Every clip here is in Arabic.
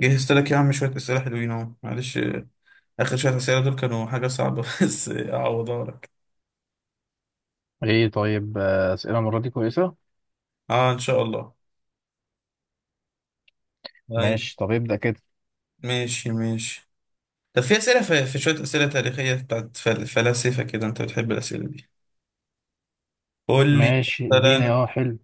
جهزت لك يا عم شوية أسئلة حلوين أهو معلش. آخر شوية أسئلة دول كانوا حاجة صعبة بس أعوضها لك. ايه طيب، اسئله المره دي كويسه. أه إن شاء الله. طيب، ماشي، طب ابدأ كده. ماشي ماشي. طب في أسئلة في شوية أسئلة تاريخية بتاعت فلاسفة كده، أنت بتحب الأسئلة دي. قول لي ماشي اديني، مثلا، حلو.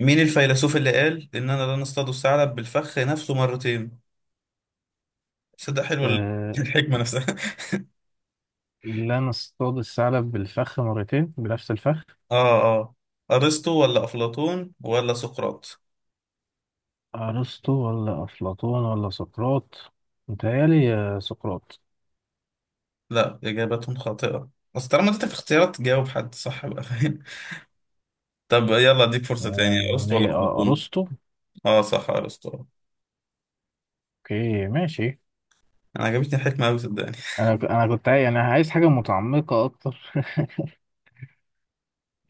مين الفيلسوف اللي قال إننا لا نصطاد الثعلب بالفخ نفسه مرتين؟ صدق، حلو آه، الحكمة نفسها. لا نصطاد الثعلب بالفخ مرتين بنفس الفخ. أه أه، أرسطو ولا أفلاطون ولا سقراط؟ ارسطو ولا افلاطون ولا سقراط؟ متهيألي سقراط. لا، إجابتهم خاطئة. بس طالما اديتك اختيارات جاوب حد صح بقى. طب يلا اديك فرصة تاني، آه ارسطو ولا ليه، افلاطون؟ ارسطو. اه صح، ارسطو. اوكي ماشي. انا عجبتني الحكمة اوي صدقني. انا كنت يعني عايز حاجه متعمقه اكتر.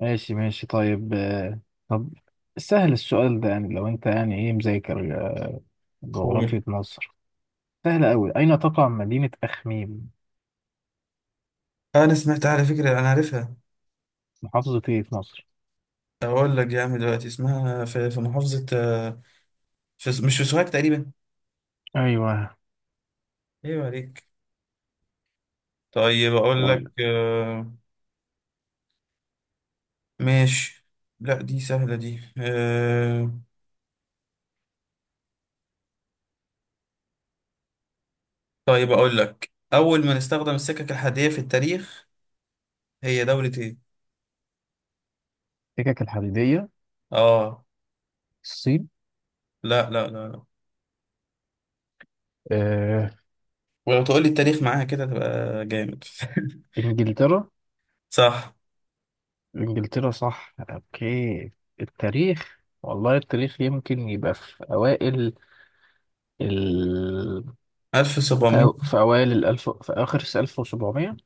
ماشي ماشي طيب آه. طب سهل السؤال ده، يعني لو انت يعني ايه مذاكر، قول. جغرافية مصر. سهل قوي، اين تقع مدينة اخميم؟ انا سمعت على فكرة، انا عارفها. محافظة ايه في مصر؟ اقول لك يا عم، دلوقتي اسمها في محافظة في، مش في سوهاج تقريبا. ايوه ايوه، عليك. طيب اقول لك طيب. ماشي. لا دي سهلة دي. طيب اقول لك، اول ما نستخدم السكك الحديدية في التاريخ هي دولة ايه؟ السكك الحديديه؟ اه، الصين. لا لا لا لا. آه. ولو تقول لي التاريخ معاها كده تبقى جامد. انجلترا. صح. انجلترا صح، اوكي. التاريخ والله التاريخ يمكن يبقى في اوائل ال... 1700. في اوائل الالف، في اخر 1700.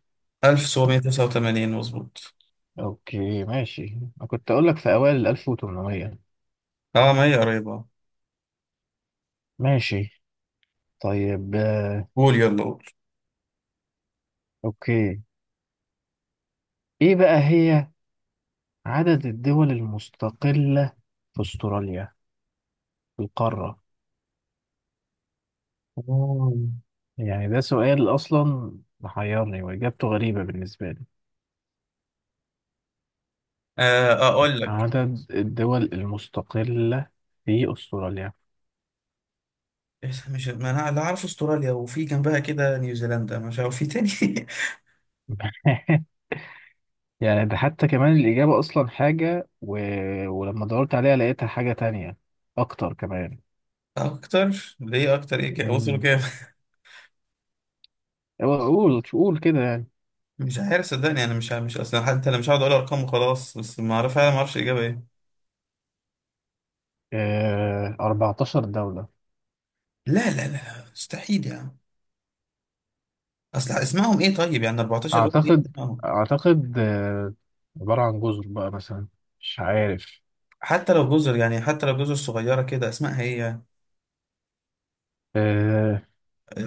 1789 مظبوط. اوكي ماشي، انا كنت اقول لك في اوائل ال 1800. اه ما هي قريبة. ماشي طيب قول يلا قول. اوكي. ايه بقى هي عدد الدول المستقلة في استراليا، في القارة؟ آه. يعني ده سؤال أصلا محيرني وإجابته غريبة بالنسبة لي. اقول لك، عدد الدول المستقلة في أستراليا. إيه، مش ما انا اللي عارف استراليا وفي جنبها كده نيوزيلندا، مش عارف في تاني. يعني ده حتى كمان الإجابة أصلا حاجة ولما دورت عليها لقيتها حاجة تانية أكتر كمان. اكتر ليه؟ اكتر ايه كده؟ وصلوا مم. كام؟ قول قول كده يعني. مش عارف صدقني، انا مش عارف، مش اصلا حتى، انا مش هقعد اقول ارقام وخلاص، بس ما اعرف، انا ما اعرفش الاجابه ايه. 14 دولة. لا لا لا، مستحيل يعني. اصل اسمائهم ايه؟ طيب يعني 14، قول ايه أعتقد، اسمائهم. أعتقد عبارة عن جزر بقى مثلا، مش عارف. حتى لو جزر يعني، حتى لو جزر صغيره كده، اسمائها ايه يعني؟ آه،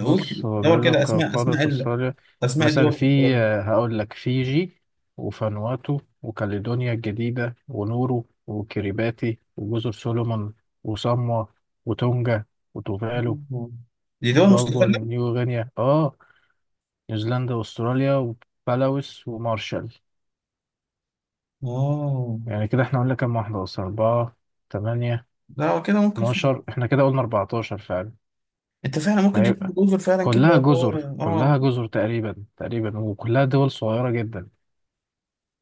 هو دور بيقول كده، لك اسماء قادة اسماء. الصالح. أسماء مثلا الدول في البطولة في، دي؟ هقول لك فيجي وفانواتو وكاليدونيا الجديدة ونورو وكريباتي وجزر سولومون وصاموا وتونجا وتوفالو آه. دي دول وبابوا مستقلة؟ نيو غينيا، نيوزيلندا واستراليا وبلاوس ومارشال. آه. يعني كده احنا قلنا كام واحدة اصلا، أربعة، تمانية، لا هو كده ممكن فعلا. اتناشر. احنا كده قلنا أربعتاشر فعلا. أنت فعلا ما ممكن، دي هي جزر فعلا كلها كده، هو جزر كلها آه. جزر تقريبا تقريبا، وكلها دول صغيرة جدا.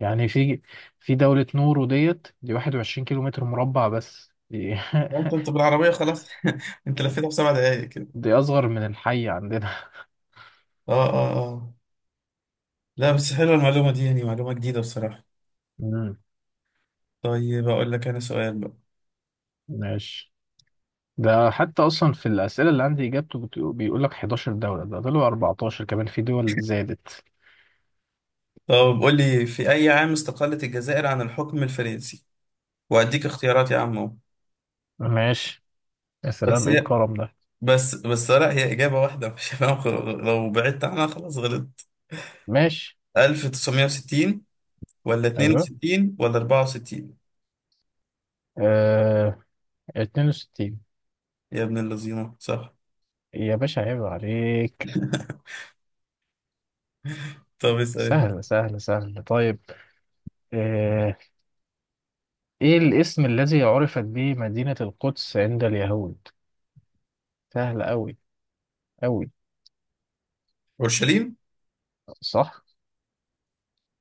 يعني في في دولة نورو ديت دي 21 كيلو متر مربع بس دي. هو أنت بالعربية خلاص، أنت لفيتها في 7 دقايق كده. دي أصغر من الحي عندنا. آه آه آه. لا بس حلوة المعلومة دي، يعني معلومة جديدة بصراحة. مم. طيب أقول لك أنا سؤال بقى. ماشي. ده حتى أصلا في الأسئلة اللي عندي إجابته بيقول لك 11 دولة، ده طلعوا 14 كمان، في دول زادت. طب قول لي، في أي عام استقلت الجزائر عن الحكم الفرنسي؟ وأديك اختيارات يا عم أهو. ماشي. يا سلام بس إيه هي، الكرم ده. بس بس، لا هي إجابة واحدة، مش هفهم لو بعدت عنها خلاص غلطت. ماشي. 1960 ولا أيوه، 62 ولا 64؟ آه... 62. يا ابن اللذينة، صح. يا باشا عيب عليك. طب اسأل انت. سهل سهل سهل طيب. آه... إيه الاسم الذي عرفت به مدينة القدس عند اليهود؟ سهل أوي أوي. اورشليم. صح.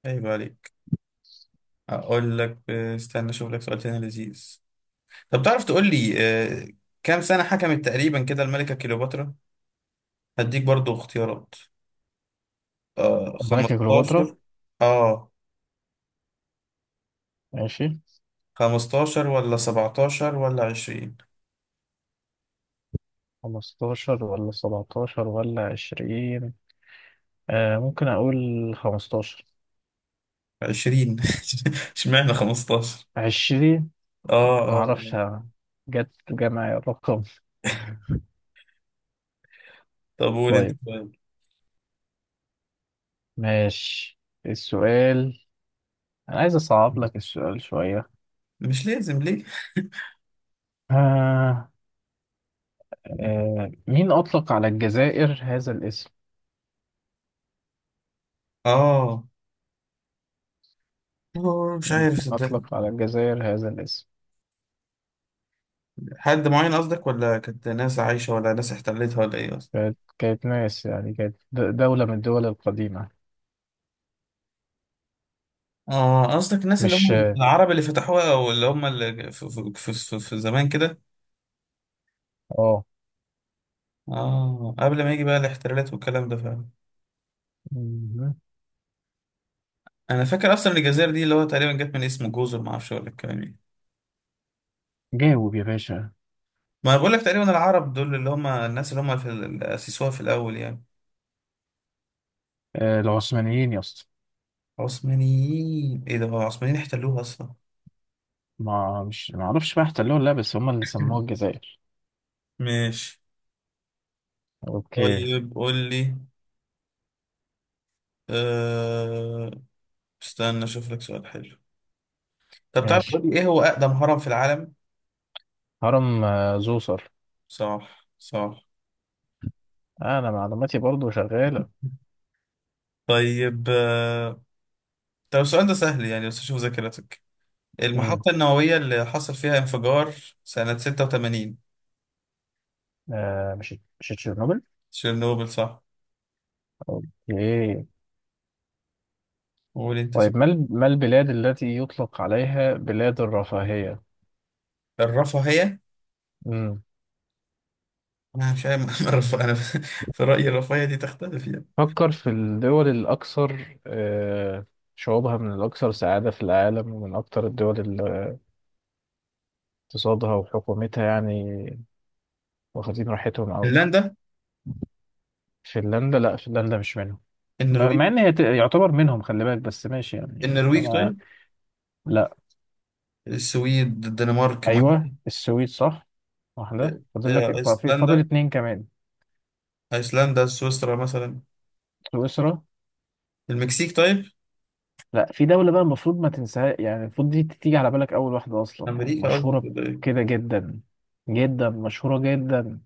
عيب عليك. اقول لك استنى اشوف لك سؤال تاني لذيذ. طب تعرف تقول لي كام سنة حكمت تقريبا كده الملكة كليوباترا؟ هديك برضو اختيارات. ملكة كليوباترا؟ 15؟ اه، ماشي. 15 ولا 17 ولا 20؟ 15 ولا 17 ولا 20؟ آه ممكن أقول 15. 20. اشمعنى 15؟ 20. اه اه، معرفش، آه. جت جمع الرقم. طب قول انت طيب طيب. ماشي. السؤال: أنا عايز أصعب لك السؤال شوية. مش لازم ليه. آه، مين أطلق على الجزائر هذا الاسم؟ اه. مش عارف صدقني. أطلق على الجزائر هذا الاسم. حد معين قصدك ولا كانت ناس عايشة ولا ناس احتلتها ولا ايه قصدك؟ كانت ناس يعني، كانت دولة من الدول القديمة. اه، قصدك الناس اللي مش هم آه. العرب اللي فتحوها او اللي هم اللي في زمان كده. آه. اه قبل ما يجي بقى الاحتلالات والكلام ده فعلا. مم. انا فاكر اصلا الجزائر دي اللي هو تقريبا جت من اسم جزر، ما اعرفش ولا الكلام ايه. جاوب يا باشا. ما بقول لك تقريبا العرب دول اللي هم الناس اللي هم في اللي اسسوها في الاول يعني. العثمانيين يا اسطى. عثمانيين؟ ايه ده، هو العثمانيين احتلوها اصلا. ما مش ما اعرفش بقى احتلوها ولا لا، بس هم اللي سموها الجزائر. ماشي. اوكي. طيب قول لي أه... استنى اشوف لك سؤال حلو. طب تعرف تقول ماشي. لي ايه هو اقدم هرم في العالم؟ هرم، زوسر. صح صح. انا معلوماتي برضو شغاله. طيب طب السؤال ده سهل يعني، بس اشوف ذاكرتك. امم. المحطة النووية اللي حصل فيها انفجار سنة 86؟ آه مش، مش تشيرنوبل. تشيرنوبل، صح. اوكي. قول انت طيب، سؤال. ما البلاد التي يطلق عليها بلاد الرفاهيه؟ الرفاهية؟ امم انا مش عارف. الرفاهية، انا في رأيي الرفاهية دي تختلف يعني. فكر في الدول الاكثر، آه شعوبها من الاكثر سعاده في العالم، ومن اكثر الدول اللي اقتصادها وحكومتها يعني واخدين راحتهم قوي. فنلندا. فنلندا؟ لا فنلندا مش منهم. مع النرويج. ان هي يعتبر منهم، خلي بالك، بس ماشي يعني النرويج انا. طيب. لا. السويد، الدنمارك، ما ايوه السويد صح. واحده فاضل لك، فاضل ايسلندا. اتنين كمان. ايسلندا، سويسرا مثلا. سويسرا. المكسيك طيب. لا، في دوله بقى المفروض ما تنساها، يعني المفروض دي تيجي على بالك اول واحده اصلا، يعني امريكا قصدك مشهوره ولا إيه؟ كده جدا، جدا مشهوره جدا.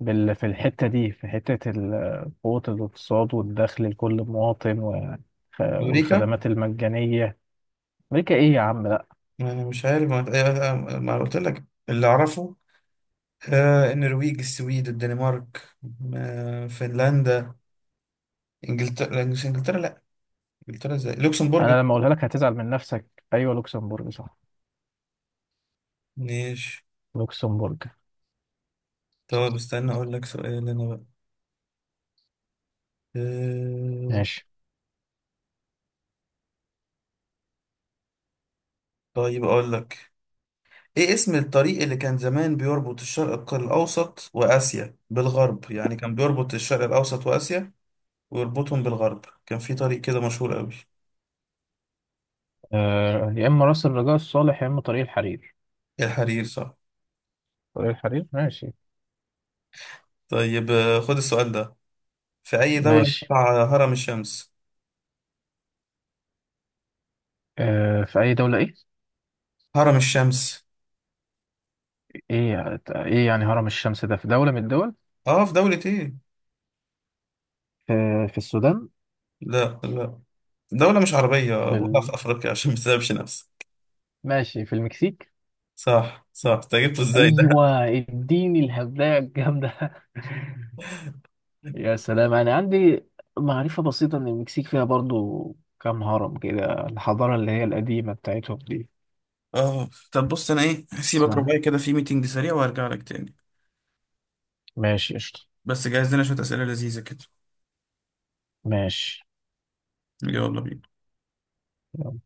في الحته دي، في حته قوه الاقتصاد والدخل لكل مواطن امريكا. والخدمات المجانيه. امريكا ايه يا عم. أنا مش عارف، ما أنا قلت لك اللي أعرفه. النرويج، السويد، الدنمارك، فنلندا، إنجلترا، مش إنجلترا، لأ. إنجلترا إزاي؟ لوكسمبورج. انا لما اقولها لك هتزعل من نفسك. ايوه لوكسمبورج صح. ماشي. لوكسمبورج. طب استنى أقول لك سؤال أنا بقى. آه، ماشي. طيب أقول لك، إيه اسم الطريق اللي كان زمان بيربط الشرق الأوسط وآسيا بالغرب؟ يعني كان بيربط الشرق الأوسط وآسيا ويربطهم بالغرب، كان في طريق كده مشهور أوي. يا اما راس الرجاء الصالح، يا اما طريق الحرير. الحرير، صح. طريق الحرير. ماشي. طيب خد السؤال ده. في أي دولة ماشي. تقع هرم الشمس؟ في اي دوله ايه؟ هرم الشمس؟ ايه يعني، ايه يعني هرم الشمس ده في دوله من الدول؟ اه في دولة ايه. في، في السودان. لا لا، دولة مش عربية في ولا في ال... أفريقيا عشان ما تتعبش نفسك. ماشي في المكسيك. صح صح، انت جبته ازاي ده. ايوه اديني الهبدايه الجامده. يا سلام انا عندي معرفه بسيطه ان المكسيك فيها برضو كام هرم كده، الحضاره اللي هي القديمه بتاعتهم دي. اه طب بص، انا ايه، هسيبك اسمها. رباعي كده في ميتنج سريع وهرجع لك تاني. ماشي قشطة. بس جهز لنا شوية أسئلة لذيذة كده. ماشي يلا بينا. يلا.